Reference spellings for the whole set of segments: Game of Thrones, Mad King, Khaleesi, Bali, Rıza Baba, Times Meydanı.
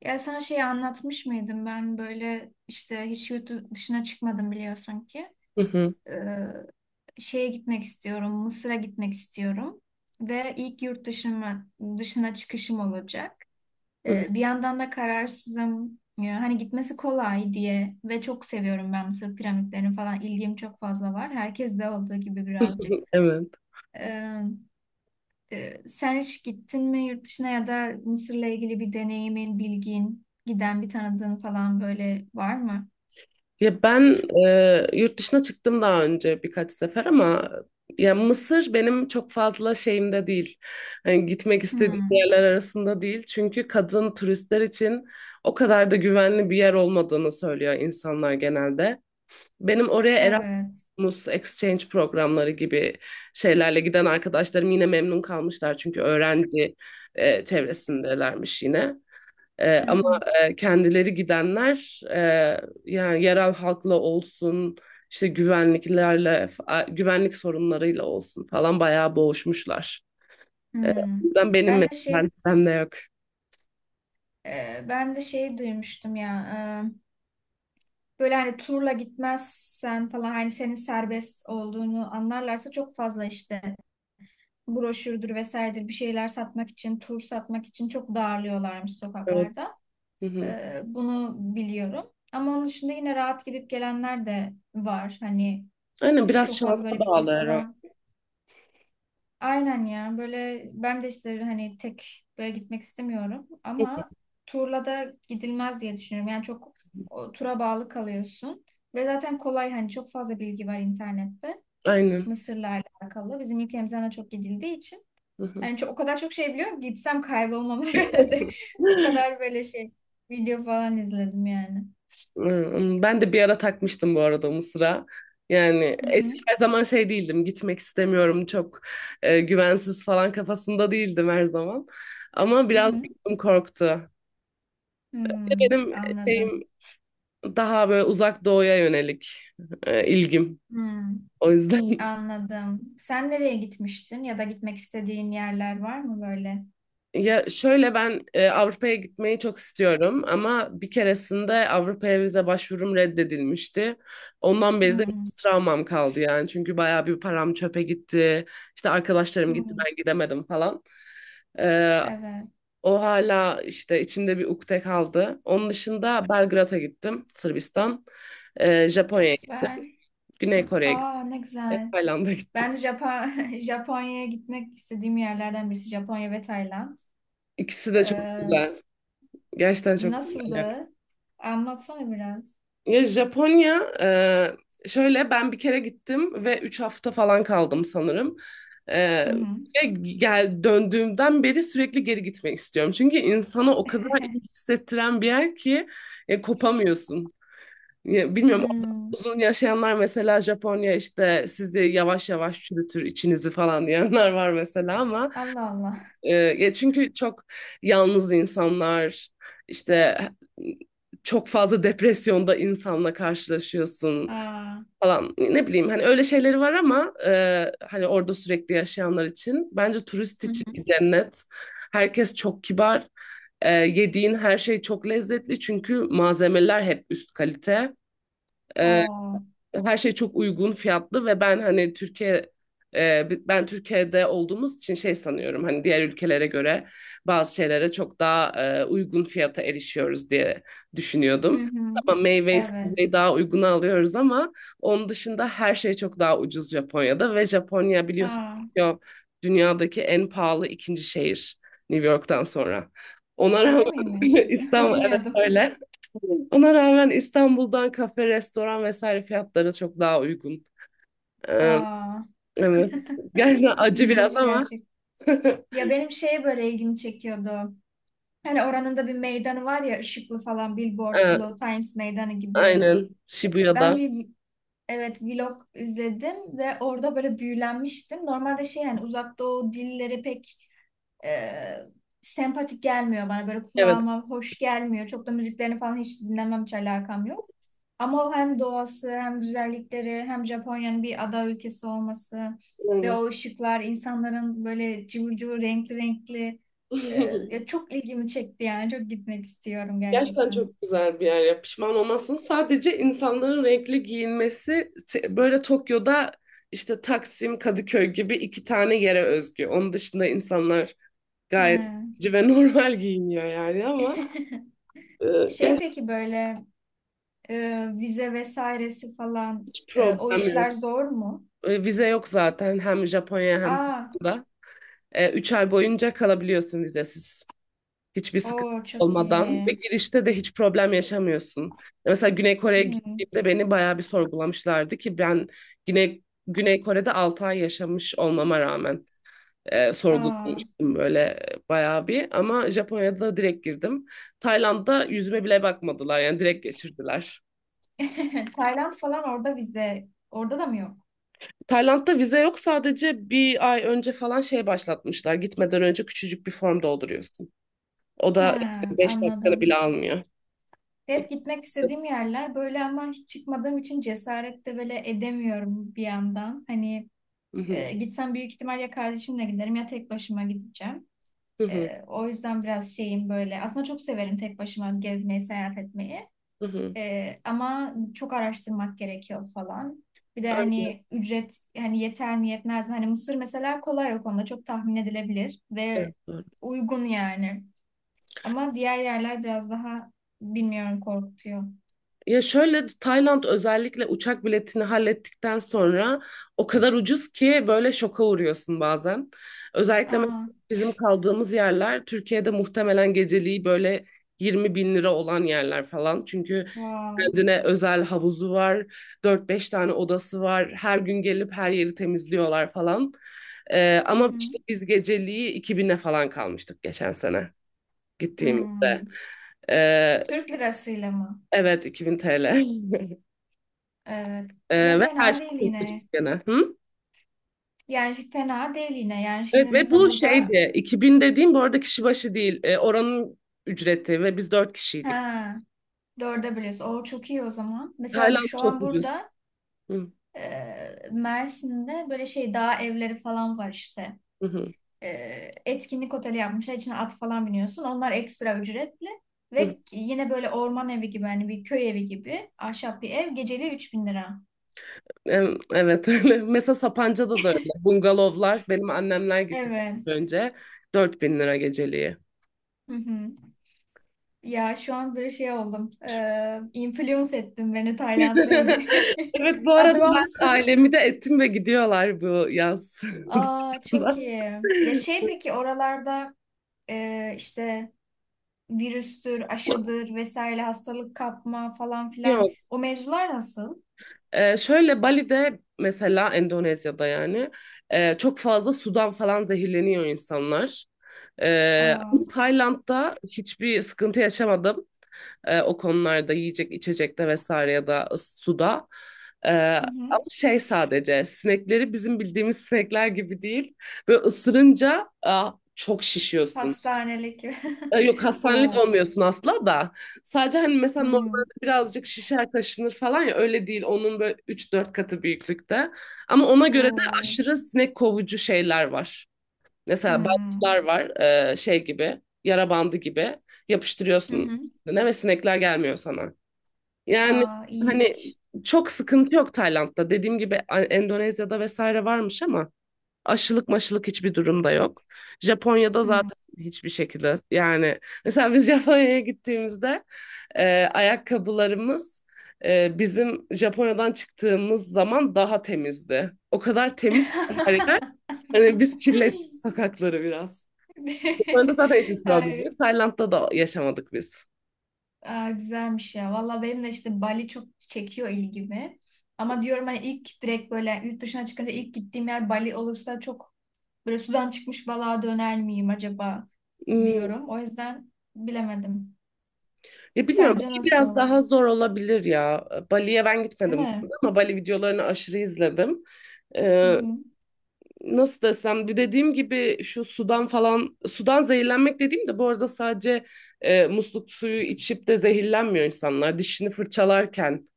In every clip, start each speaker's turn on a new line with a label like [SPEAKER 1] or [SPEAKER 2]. [SPEAKER 1] Ya sana şeyi anlatmış mıydım ben böyle işte hiç yurt dışına çıkmadım biliyorsun ki.
[SPEAKER 2] Hı hı.
[SPEAKER 1] Ee, Şeye gitmek istiyorum, Mısır'a gitmek istiyorum. Ve ilk yurt dışına çıkışım olacak.
[SPEAKER 2] Hı hı.
[SPEAKER 1] Bir yandan da kararsızım. Ya hani gitmesi kolay diye ve çok seviyorum ben Mısır piramitlerini falan ilgim çok fazla var. Herkes de olduğu gibi birazcık.
[SPEAKER 2] Evet.
[SPEAKER 1] Ee, Sen hiç gittin mi yurt dışına ya da Mısır'la ilgili bir deneyimin, bilgin, giden bir tanıdığın falan böyle var mı?
[SPEAKER 2] Ya ben yurt dışına çıktım daha önce birkaç sefer ama ya Mısır benim çok fazla şeyimde değil. Hani gitmek istediğim
[SPEAKER 1] Hmm,
[SPEAKER 2] yerler arasında değil. Çünkü kadın turistler için o kadar da güvenli bir yer olmadığını söylüyor insanlar genelde. Benim oraya
[SPEAKER 1] evet.
[SPEAKER 2] Erasmus exchange programları gibi şeylerle giden arkadaşlarım yine memnun kalmışlar çünkü öğrenci çevresindelermiş yine. Ee,
[SPEAKER 1] Hı
[SPEAKER 2] ama
[SPEAKER 1] hı.
[SPEAKER 2] kendileri gidenler yani yerel halkla olsun işte güvenliklerle güvenlik sorunlarıyla olsun falan bayağı boğuşmuşlar. Ee,
[SPEAKER 1] Hmm.
[SPEAKER 2] o yüzden benim
[SPEAKER 1] Ben de
[SPEAKER 2] mesela
[SPEAKER 1] şey,
[SPEAKER 2] listemde yok.
[SPEAKER 1] ben de şey duymuştum ya. e, böyle hani turla gitmezsen falan hani senin serbest olduğunu anlarlarsa çok fazla işte broşürdür vesairedir bir şeyler satmak için, tur satmak için çok darlıyorlarmış
[SPEAKER 2] Evet.
[SPEAKER 1] sokaklarda.
[SPEAKER 2] Hı hı.
[SPEAKER 1] Bunu biliyorum. Ama onun dışında yine rahat gidip gelenler de var. Hani
[SPEAKER 2] Aynen, biraz
[SPEAKER 1] çok
[SPEAKER 2] şansa
[SPEAKER 1] fazla böyle video
[SPEAKER 2] bağlı herhalde.
[SPEAKER 1] falan. Aynen ya. Böyle ben de işte hani tek böyle gitmek istemiyorum. Ama turla da gidilmez diye düşünüyorum. Yani çok o, tura bağlı kalıyorsun. Ve zaten kolay hani çok fazla bilgi var internette.
[SPEAKER 2] Aynen.
[SPEAKER 1] Mısır'la alakalı. Bizim ülkemizden de çok gidildiği için.
[SPEAKER 2] Hı hı.
[SPEAKER 1] Yani çok, o kadar çok şey biliyorum ki gitsem kaybolmam herhalde. O kadar böyle şey video falan izledim yani.
[SPEAKER 2] Hmm, ben de bir ara takmıştım bu arada Mısır'a. Yani
[SPEAKER 1] Hı hı.
[SPEAKER 2] eski her zaman şey değildim. Gitmek istemiyorum. Çok güvensiz falan kafasında değildim her zaman. Ama
[SPEAKER 1] Hı
[SPEAKER 2] biraz
[SPEAKER 1] hı.
[SPEAKER 2] gözüm korktu.
[SPEAKER 1] Hmm,
[SPEAKER 2] Benim
[SPEAKER 1] anladım.
[SPEAKER 2] şeyim daha böyle uzak doğuya yönelik ilgim.
[SPEAKER 1] Hmm,
[SPEAKER 2] O yüzden
[SPEAKER 1] anladım. Sen nereye gitmiştin ya da gitmek istediğin yerler var mı böyle?
[SPEAKER 2] ya şöyle, ben Avrupa'ya gitmeyi çok istiyorum ama bir keresinde Avrupa'ya vize başvurum reddedilmişti. Ondan beri de
[SPEAKER 1] Hmm,
[SPEAKER 2] biraz travmam kaldı yani. Çünkü bayağı bir param çöpe gitti. İşte arkadaşlarım gitti,
[SPEAKER 1] hmm.
[SPEAKER 2] ben gidemedim falan. E,
[SPEAKER 1] Evet,
[SPEAKER 2] o hala işte içimde bir ukde kaldı. Onun dışında Belgrad'a gittim, Sırbistan. Japonya'ya,
[SPEAKER 1] çok
[SPEAKER 2] gittim,
[SPEAKER 1] güzel.
[SPEAKER 2] Güney Kore'ye
[SPEAKER 1] Aa,
[SPEAKER 2] gittim,
[SPEAKER 1] ne güzel.
[SPEAKER 2] Tayland'a gittim.
[SPEAKER 1] Ben de Japonya'ya gitmek istediğim yerlerden birisi Japonya ve Tayland.
[SPEAKER 2] İkisi de çok
[SPEAKER 1] Ee,
[SPEAKER 2] güzel. Gerçekten çok güzel yani.
[SPEAKER 1] Nasıldı? Anlatsana biraz.
[SPEAKER 2] Ya Japonya, şöyle ben bir kere gittim ve 3 hafta falan kaldım sanırım. E,
[SPEAKER 1] Hı hı.
[SPEAKER 2] ve döndüğümden beri sürekli geri gitmek istiyorum. Çünkü insanı o kadar iyi hissettiren bir yer ki kopamıyorsun. Ya, bilmiyorum, orada
[SPEAKER 1] Hmm,
[SPEAKER 2] uzun yaşayanlar, mesela Japonya işte sizi yavaş yavaş çürütür içinizi falan diyenler var mesela ama.
[SPEAKER 1] Allah Allah.
[SPEAKER 2] Ya çünkü çok yalnız insanlar, işte çok fazla depresyonda insanla karşılaşıyorsun
[SPEAKER 1] Aa.
[SPEAKER 2] falan. Ne bileyim, hani öyle şeyleri var ama hani orada sürekli yaşayanlar için, bence turist
[SPEAKER 1] Hı
[SPEAKER 2] için bir
[SPEAKER 1] hı.
[SPEAKER 2] cennet. Herkes çok kibar. Yediğin her şey çok lezzetli çünkü malzemeler hep üst kalite,
[SPEAKER 1] Oo.
[SPEAKER 2] her şey çok uygun fiyatlı ve ben hani Türkiye, ben Türkiye'de olduğumuz için şey sanıyorum, hani diğer ülkelere göre bazı şeylere çok daha uygun fiyata erişiyoruz diye
[SPEAKER 1] Hı
[SPEAKER 2] düşünüyordum.
[SPEAKER 1] hı.
[SPEAKER 2] Tamam, meyveyi
[SPEAKER 1] Evet.
[SPEAKER 2] sebzeyi daha uyguna alıyoruz ama onun dışında her şey çok daha ucuz Japonya'da ve Japonya biliyorsun,
[SPEAKER 1] Aa.
[SPEAKER 2] Tokyo dünyadaki en pahalı ikinci şehir, New York'tan sonra. Ona
[SPEAKER 1] Öyle miymiş?
[SPEAKER 2] rağmen İstanbul evet,
[SPEAKER 1] Bilmiyordum.
[SPEAKER 2] öyle. Ona rağmen İstanbul'dan kafe, restoran vesaire fiyatları çok daha uygun. Ee,
[SPEAKER 1] Aa,
[SPEAKER 2] evet. Gerçekten acı biraz
[SPEAKER 1] ilginç
[SPEAKER 2] ama.
[SPEAKER 1] gerçek. Ya benim şeye böyle ilgimi çekiyordu. Hani oranın da bir meydanı var ya ışıklı falan
[SPEAKER 2] Evet,
[SPEAKER 1] billboardlu Times Meydanı gibi.
[SPEAKER 2] aynen. Shibuya'da.
[SPEAKER 1] Ben bir evet vlog izledim ve orada böyle büyülenmiştim. Normalde şey yani uzak doğu dilleri pek e, sempatik gelmiyor bana böyle
[SPEAKER 2] Evet,
[SPEAKER 1] kulağıma hoş gelmiyor. Çok da müziklerini falan hiç dinlemem hiç alakam yok. Ama o hem doğası hem güzellikleri hem Japonya'nın bir ada ülkesi olması ve
[SPEAKER 2] aynen.
[SPEAKER 1] o ışıklar insanların böyle cıvıl cıvıl renkli renkli e, ya çok ilgimi çekti yani çok gitmek istiyorum
[SPEAKER 2] Gerçekten çok
[SPEAKER 1] gerçekten.
[SPEAKER 2] güzel bir yer ya. Pişman olmazsın. Sadece insanların renkli giyinmesi böyle Tokyo'da, işte Taksim, Kadıköy gibi iki tane yere özgü. Onun dışında insanlar
[SPEAKER 1] He.
[SPEAKER 2] gayet sıkıcı ve normal giyiniyor yani ama e,
[SPEAKER 1] Şey
[SPEAKER 2] gerçekten
[SPEAKER 1] peki böyle vize vesairesi falan
[SPEAKER 2] hiç
[SPEAKER 1] o
[SPEAKER 2] problem
[SPEAKER 1] işler
[SPEAKER 2] yok.
[SPEAKER 1] zor mu?
[SPEAKER 2] Vize yok zaten, hem Japonya hem
[SPEAKER 1] Aa,
[SPEAKER 2] Kore'de. Üç ay boyunca kalabiliyorsun vizesiz. Hiçbir sıkıntı
[SPEAKER 1] o çok
[SPEAKER 2] olmadan ve
[SPEAKER 1] iyi.
[SPEAKER 2] girişte de hiç problem yaşamıyorsun. Mesela Güney Kore'ye
[SPEAKER 1] Hı.
[SPEAKER 2] gittiğimde beni bayağı bir sorgulamışlardı ki ben Güney Kore'de 6 ay yaşamış olmama rağmen
[SPEAKER 1] Aa,
[SPEAKER 2] sorgulamıştım böyle, bayağı bir, ama Japonya'da direkt girdim. Tayland'da yüzüme bile bakmadılar, yani direkt geçirdiler.
[SPEAKER 1] Tayland falan orada vize. Orada da mı yok?
[SPEAKER 2] Tayland'da vize yok, sadece bir ay önce falan şey başlatmışlar. Gitmeden önce küçücük bir form dolduruyorsun. O
[SPEAKER 1] He,
[SPEAKER 2] da beş dakikanı
[SPEAKER 1] anladım.
[SPEAKER 2] bile almıyor.
[SPEAKER 1] Hep gitmek istediğim yerler böyle ama hiç çıkmadığım için cesaret de böyle edemiyorum bir yandan. Hani
[SPEAKER 2] Hı hı,
[SPEAKER 1] gitsem büyük ihtimal ya kardeşimle giderim ya tek başıma gideceğim.
[SPEAKER 2] hı hı,
[SPEAKER 1] O yüzden biraz şeyim böyle. Aslında çok severim tek başıma gezmeyi, seyahat etmeyi.
[SPEAKER 2] hı hı.
[SPEAKER 1] Ama çok araştırmak gerekiyor falan. Bir de
[SPEAKER 2] Evet,
[SPEAKER 1] hani ücret hani yeter mi yetmez mi? Hani Mısır mesela kolay o konuda çok tahmin edilebilir ve
[SPEAKER 2] evet.
[SPEAKER 1] uygun yani. Ama diğer yerler biraz daha bilmiyorum korkutuyor.
[SPEAKER 2] Ya şöyle, Tayland özellikle uçak biletini hallettikten sonra o kadar ucuz ki, böyle şoka uğruyorsun bazen. Özellikle mesela
[SPEAKER 1] Aa,
[SPEAKER 2] bizim kaldığımız yerler Türkiye'de muhtemelen geceliği böyle 20 bin lira olan yerler falan. Çünkü
[SPEAKER 1] wow.
[SPEAKER 2] kendine özel havuzu var, dört beş tane odası var, her gün gelip her yeri temizliyorlar falan.
[SPEAKER 1] Hı
[SPEAKER 2] Ama
[SPEAKER 1] hı.
[SPEAKER 2] işte biz geceliği 2000'e falan kalmıştık geçen sene
[SPEAKER 1] Hmm.
[SPEAKER 2] gittiğimizde. Ee,
[SPEAKER 1] Türk lirasıyla mı?
[SPEAKER 2] evet 2000 TL.
[SPEAKER 1] Evet. Ya
[SPEAKER 2] Ve her
[SPEAKER 1] fena değil
[SPEAKER 2] şey Türk
[SPEAKER 1] yine.
[SPEAKER 2] dükkanı. Hı?
[SPEAKER 1] Yani fena değil yine. Yani
[SPEAKER 2] Evet,
[SPEAKER 1] şimdi
[SPEAKER 2] ve
[SPEAKER 1] mesela
[SPEAKER 2] bu
[SPEAKER 1] burada
[SPEAKER 2] şeydi, 2000 dediğim bu arada kişi başı değil. Oranın ücreti ve biz dört kişiydik.
[SPEAKER 1] ha dörde biliyorsun. O çok iyi o zaman. Mesela bu
[SPEAKER 2] Tayland
[SPEAKER 1] şu
[SPEAKER 2] çok
[SPEAKER 1] an
[SPEAKER 2] ucuz.
[SPEAKER 1] burada
[SPEAKER 2] Hı,
[SPEAKER 1] Mersin'de böyle şey dağ evleri falan var işte.
[SPEAKER 2] hı, hı,
[SPEAKER 1] Etkinlik oteli yapmışlar. İçine at falan biniyorsun. Onlar ekstra ücretli.
[SPEAKER 2] hı.
[SPEAKER 1] Ve yine böyle orman evi gibi hani bir köy evi gibi ahşap bir ev. Geceliği 3.000 lira.
[SPEAKER 2] Evet öyle. Mesela Sapanca'da da öyle. Bungalovlar, benim annemler gitti
[SPEAKER 1] Evet.
[SPEAKER 2] önce, 4000 lira geceliği.
[SPEAKER 1] Hı hı. Ya şu an böyle şey oldum. Influence ettin beni Tayland'la ilgili.
[SPEAKER 2] Evet, bu arada
[SPEAKER 1] Acaba
[SPEAKER 2] ben
[SPEAKER 1] Mısır?
[SPEAKER 2] ailemi de ettim ve gidiyorlar bu yaz.
[SPEAKER 1] Aa çok iyi. Ya şey peki oralarda işte virüstür, aşıdır vesaire hastalık kapma falan
[SPEAKER 2] Ya,
[SPEAKER 1] filan o mevzular nasıl?
[SPEAKER 2] şöyle Bali'de mesela, Endonezya'da yani çok fazla sudan falan zehirleniyor insanlar. Ee,
[SPEAKER 1] Aa,
[SPEAKER 2] ama Tayland'da hiçbir sıkıntı yaşamadım. O konularda, yiyecek içecekte vesaire ya da suda. Ee,
[SPEAKER 1] hı hı.
[SPEAKER 2] ama şey, sadece sinekleri bizim bildiğimiz sinekler gibi değil. Böyle ısırınca aa, çok şişiyorsun.
[SPEAKER 1] Hastanelik.
[SPEAKER 2] E, Yok hastanelik
[SPEAKER 1] O.
[SPEAKER 2] olmuyorsun asla da. Sadece hani mesela
[SPEAKER 1] Hmm.
[SPEAKER 2] normalde birazcık şişer kaşınır falan, ya öyle değil. Onun böyle üç dört katı büyüklükte. Ama ona göre de
[SPEAKER 1] O.
[SPEAKER 2] aşırı sinek kovucu şeyler var. Mesela bantlar
[SPEAKER 1] Hmm.
[SPEAKER 2] var, şey gibi, yara bandı gibi
[SPEAKER 1] Hı
[SPEAKER 2] yapıştırıyorsun
[SPEAKER 1] hı.
[SPEAKER 2] ne, ve sinekler gelmiyor sana. Yani
[SPEAKER 1] Aa,
[SPEAKER 2] hani
[SPEAKER 1] iyiymiş.
[SPEAKER 2] çok sıkıntı yok Tayland'da. Dediğim gibi Endonezya'da vesaire varmış ama, aşılık maşılık hiçbir durumda yok. Japonya'da
[SPEAKER 1] Hmm.
[SPEAKER 2] zaten hiçbir şekilde yani, mesela biz Japonya'ya gittiğimizde ayakkabılarımız, bizim Japonya'dan çıktığımız zaman daha temizdi. O kadar temiz ki her yer. Hani biz kirlettik sokakları biraz. Japonya'da zaten hiçbir problem
[SPEAKER 1] Ay,
[SPEAKER 2] yok. Tayland'da da yaşamadık biz.
[SPEAKER 1] Aa, güzelmiş ya. Valla benim de işte Bali çok çekiyor ilgimi. Ama diyorum hani ilk direkt böyle yurt dışına çıkınca ilk gittiğim yer Bali olursa çok böyle sudan çıkmış balığa döner miyim acaba
[SPEAKER 2] Hmm,
[SPEAKER 1] diyorum. O yüzden bilemedim.
[SPEAKER 2] ya bilmiyorum,
[SPEAKER 1] Sence
[SPEAKER 2] Bali
[SPEAKER 1] nasıl
[SPEAKER 2] biraz
[SPEAKER 1] olur?
[SPEAKER 2] daha zor olabilir ya. Bali'ye ben
[SPEAKER 1] Değil
[SPEAKER 2] gitmedim
[SPEAKER 1] mi?
[SPEAKER 2] ama Bali videolarını aşırı izledim.
[SPEAKER 1] Hı
[SPEAKER 2] Ee,
[SPEAKER 1] hı.
[SPEAKER 2] nasıl desem, bir dediğim gibi şu sudan falan, sudan zehirlenmek dediğim de bu arada, sadece musluk suyu içip de zehirlenmiyor insanlar. Dişini fırçalarken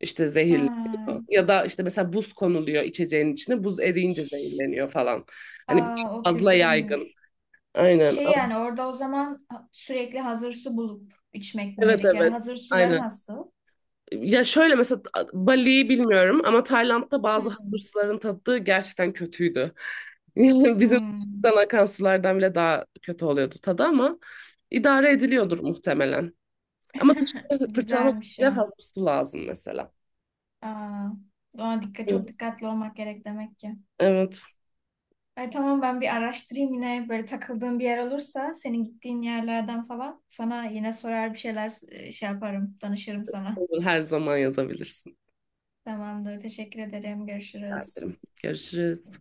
[SPEAKER 2] işte zehirleniyor.
[SPEAKER 1] Ha,
[SPEAKER 2] Ya da işte mesela buz konuluyor içeceğin içine, buz eriyince
[SPEAKER 1] şş,
[SPEAKER 2] zehirleniyor falan. Hani biraz
[SPEAKER 1] Aa, o
[SPEAKER 2] fazla yaygın.
[SPEAKER 1] kötüymüş.
[SPEAKER 2] Aynen.
[SPEAKER 1] Şey yani orada o zaman sürekli hazır su bulup içmek mi
[SPEAKER 2] Evet,
[SPEAKER 1] gerekiyor? Yani
[SPEAKER 2] evet.
[SPEAKER 1] hazır suları
[SPEAKER 2] Aynen.
[SPEAKER 1] nasıl?
[SPEAKER 2] Ya şöyle mesela, Bali'yi bilmiyorum ama Tayland'da bazı halı
[SPEAKER 1] Hmm.
[SPEAKER 2] suların tadı gerçekten kötüydü. Bizim
[SPEAKER 1] Hmm.
[SPEAKER 2] dışarıdan akan sulardan bile daha kötü oluyordu tadı ama, idare ediliyordur muhtemelen. Ama dışarıda fırçalamak için
[SPEAKER 1] Güzelmiş
[SPEAKER 2] bile
[SPEAKER 1] ya.
[SPEAKER 2] fazla su lazım mesela.
[SPEAKER 1] Aa, ona dikkat, çok
[SPEAKER 2] Hı.
[SPEAKER 1] dikkatli olmak gerek demek ki.
[SPEAKER 2] Evet,
[SPEAKER 1] Ay, tamam ben bir araştırayım yine böyle takıldığım bir yer olursa senin gittiğin yerlerden falan sana yine sorar bir şeyler şey yaparım danışırım sana.
[SPEAKER 2] olur, her zaman yazabilirsin.
[SPEAKER 1] Tamamdır teşekkür ederim görüşürüz.
[SPEAKER 2] Görüşürüz.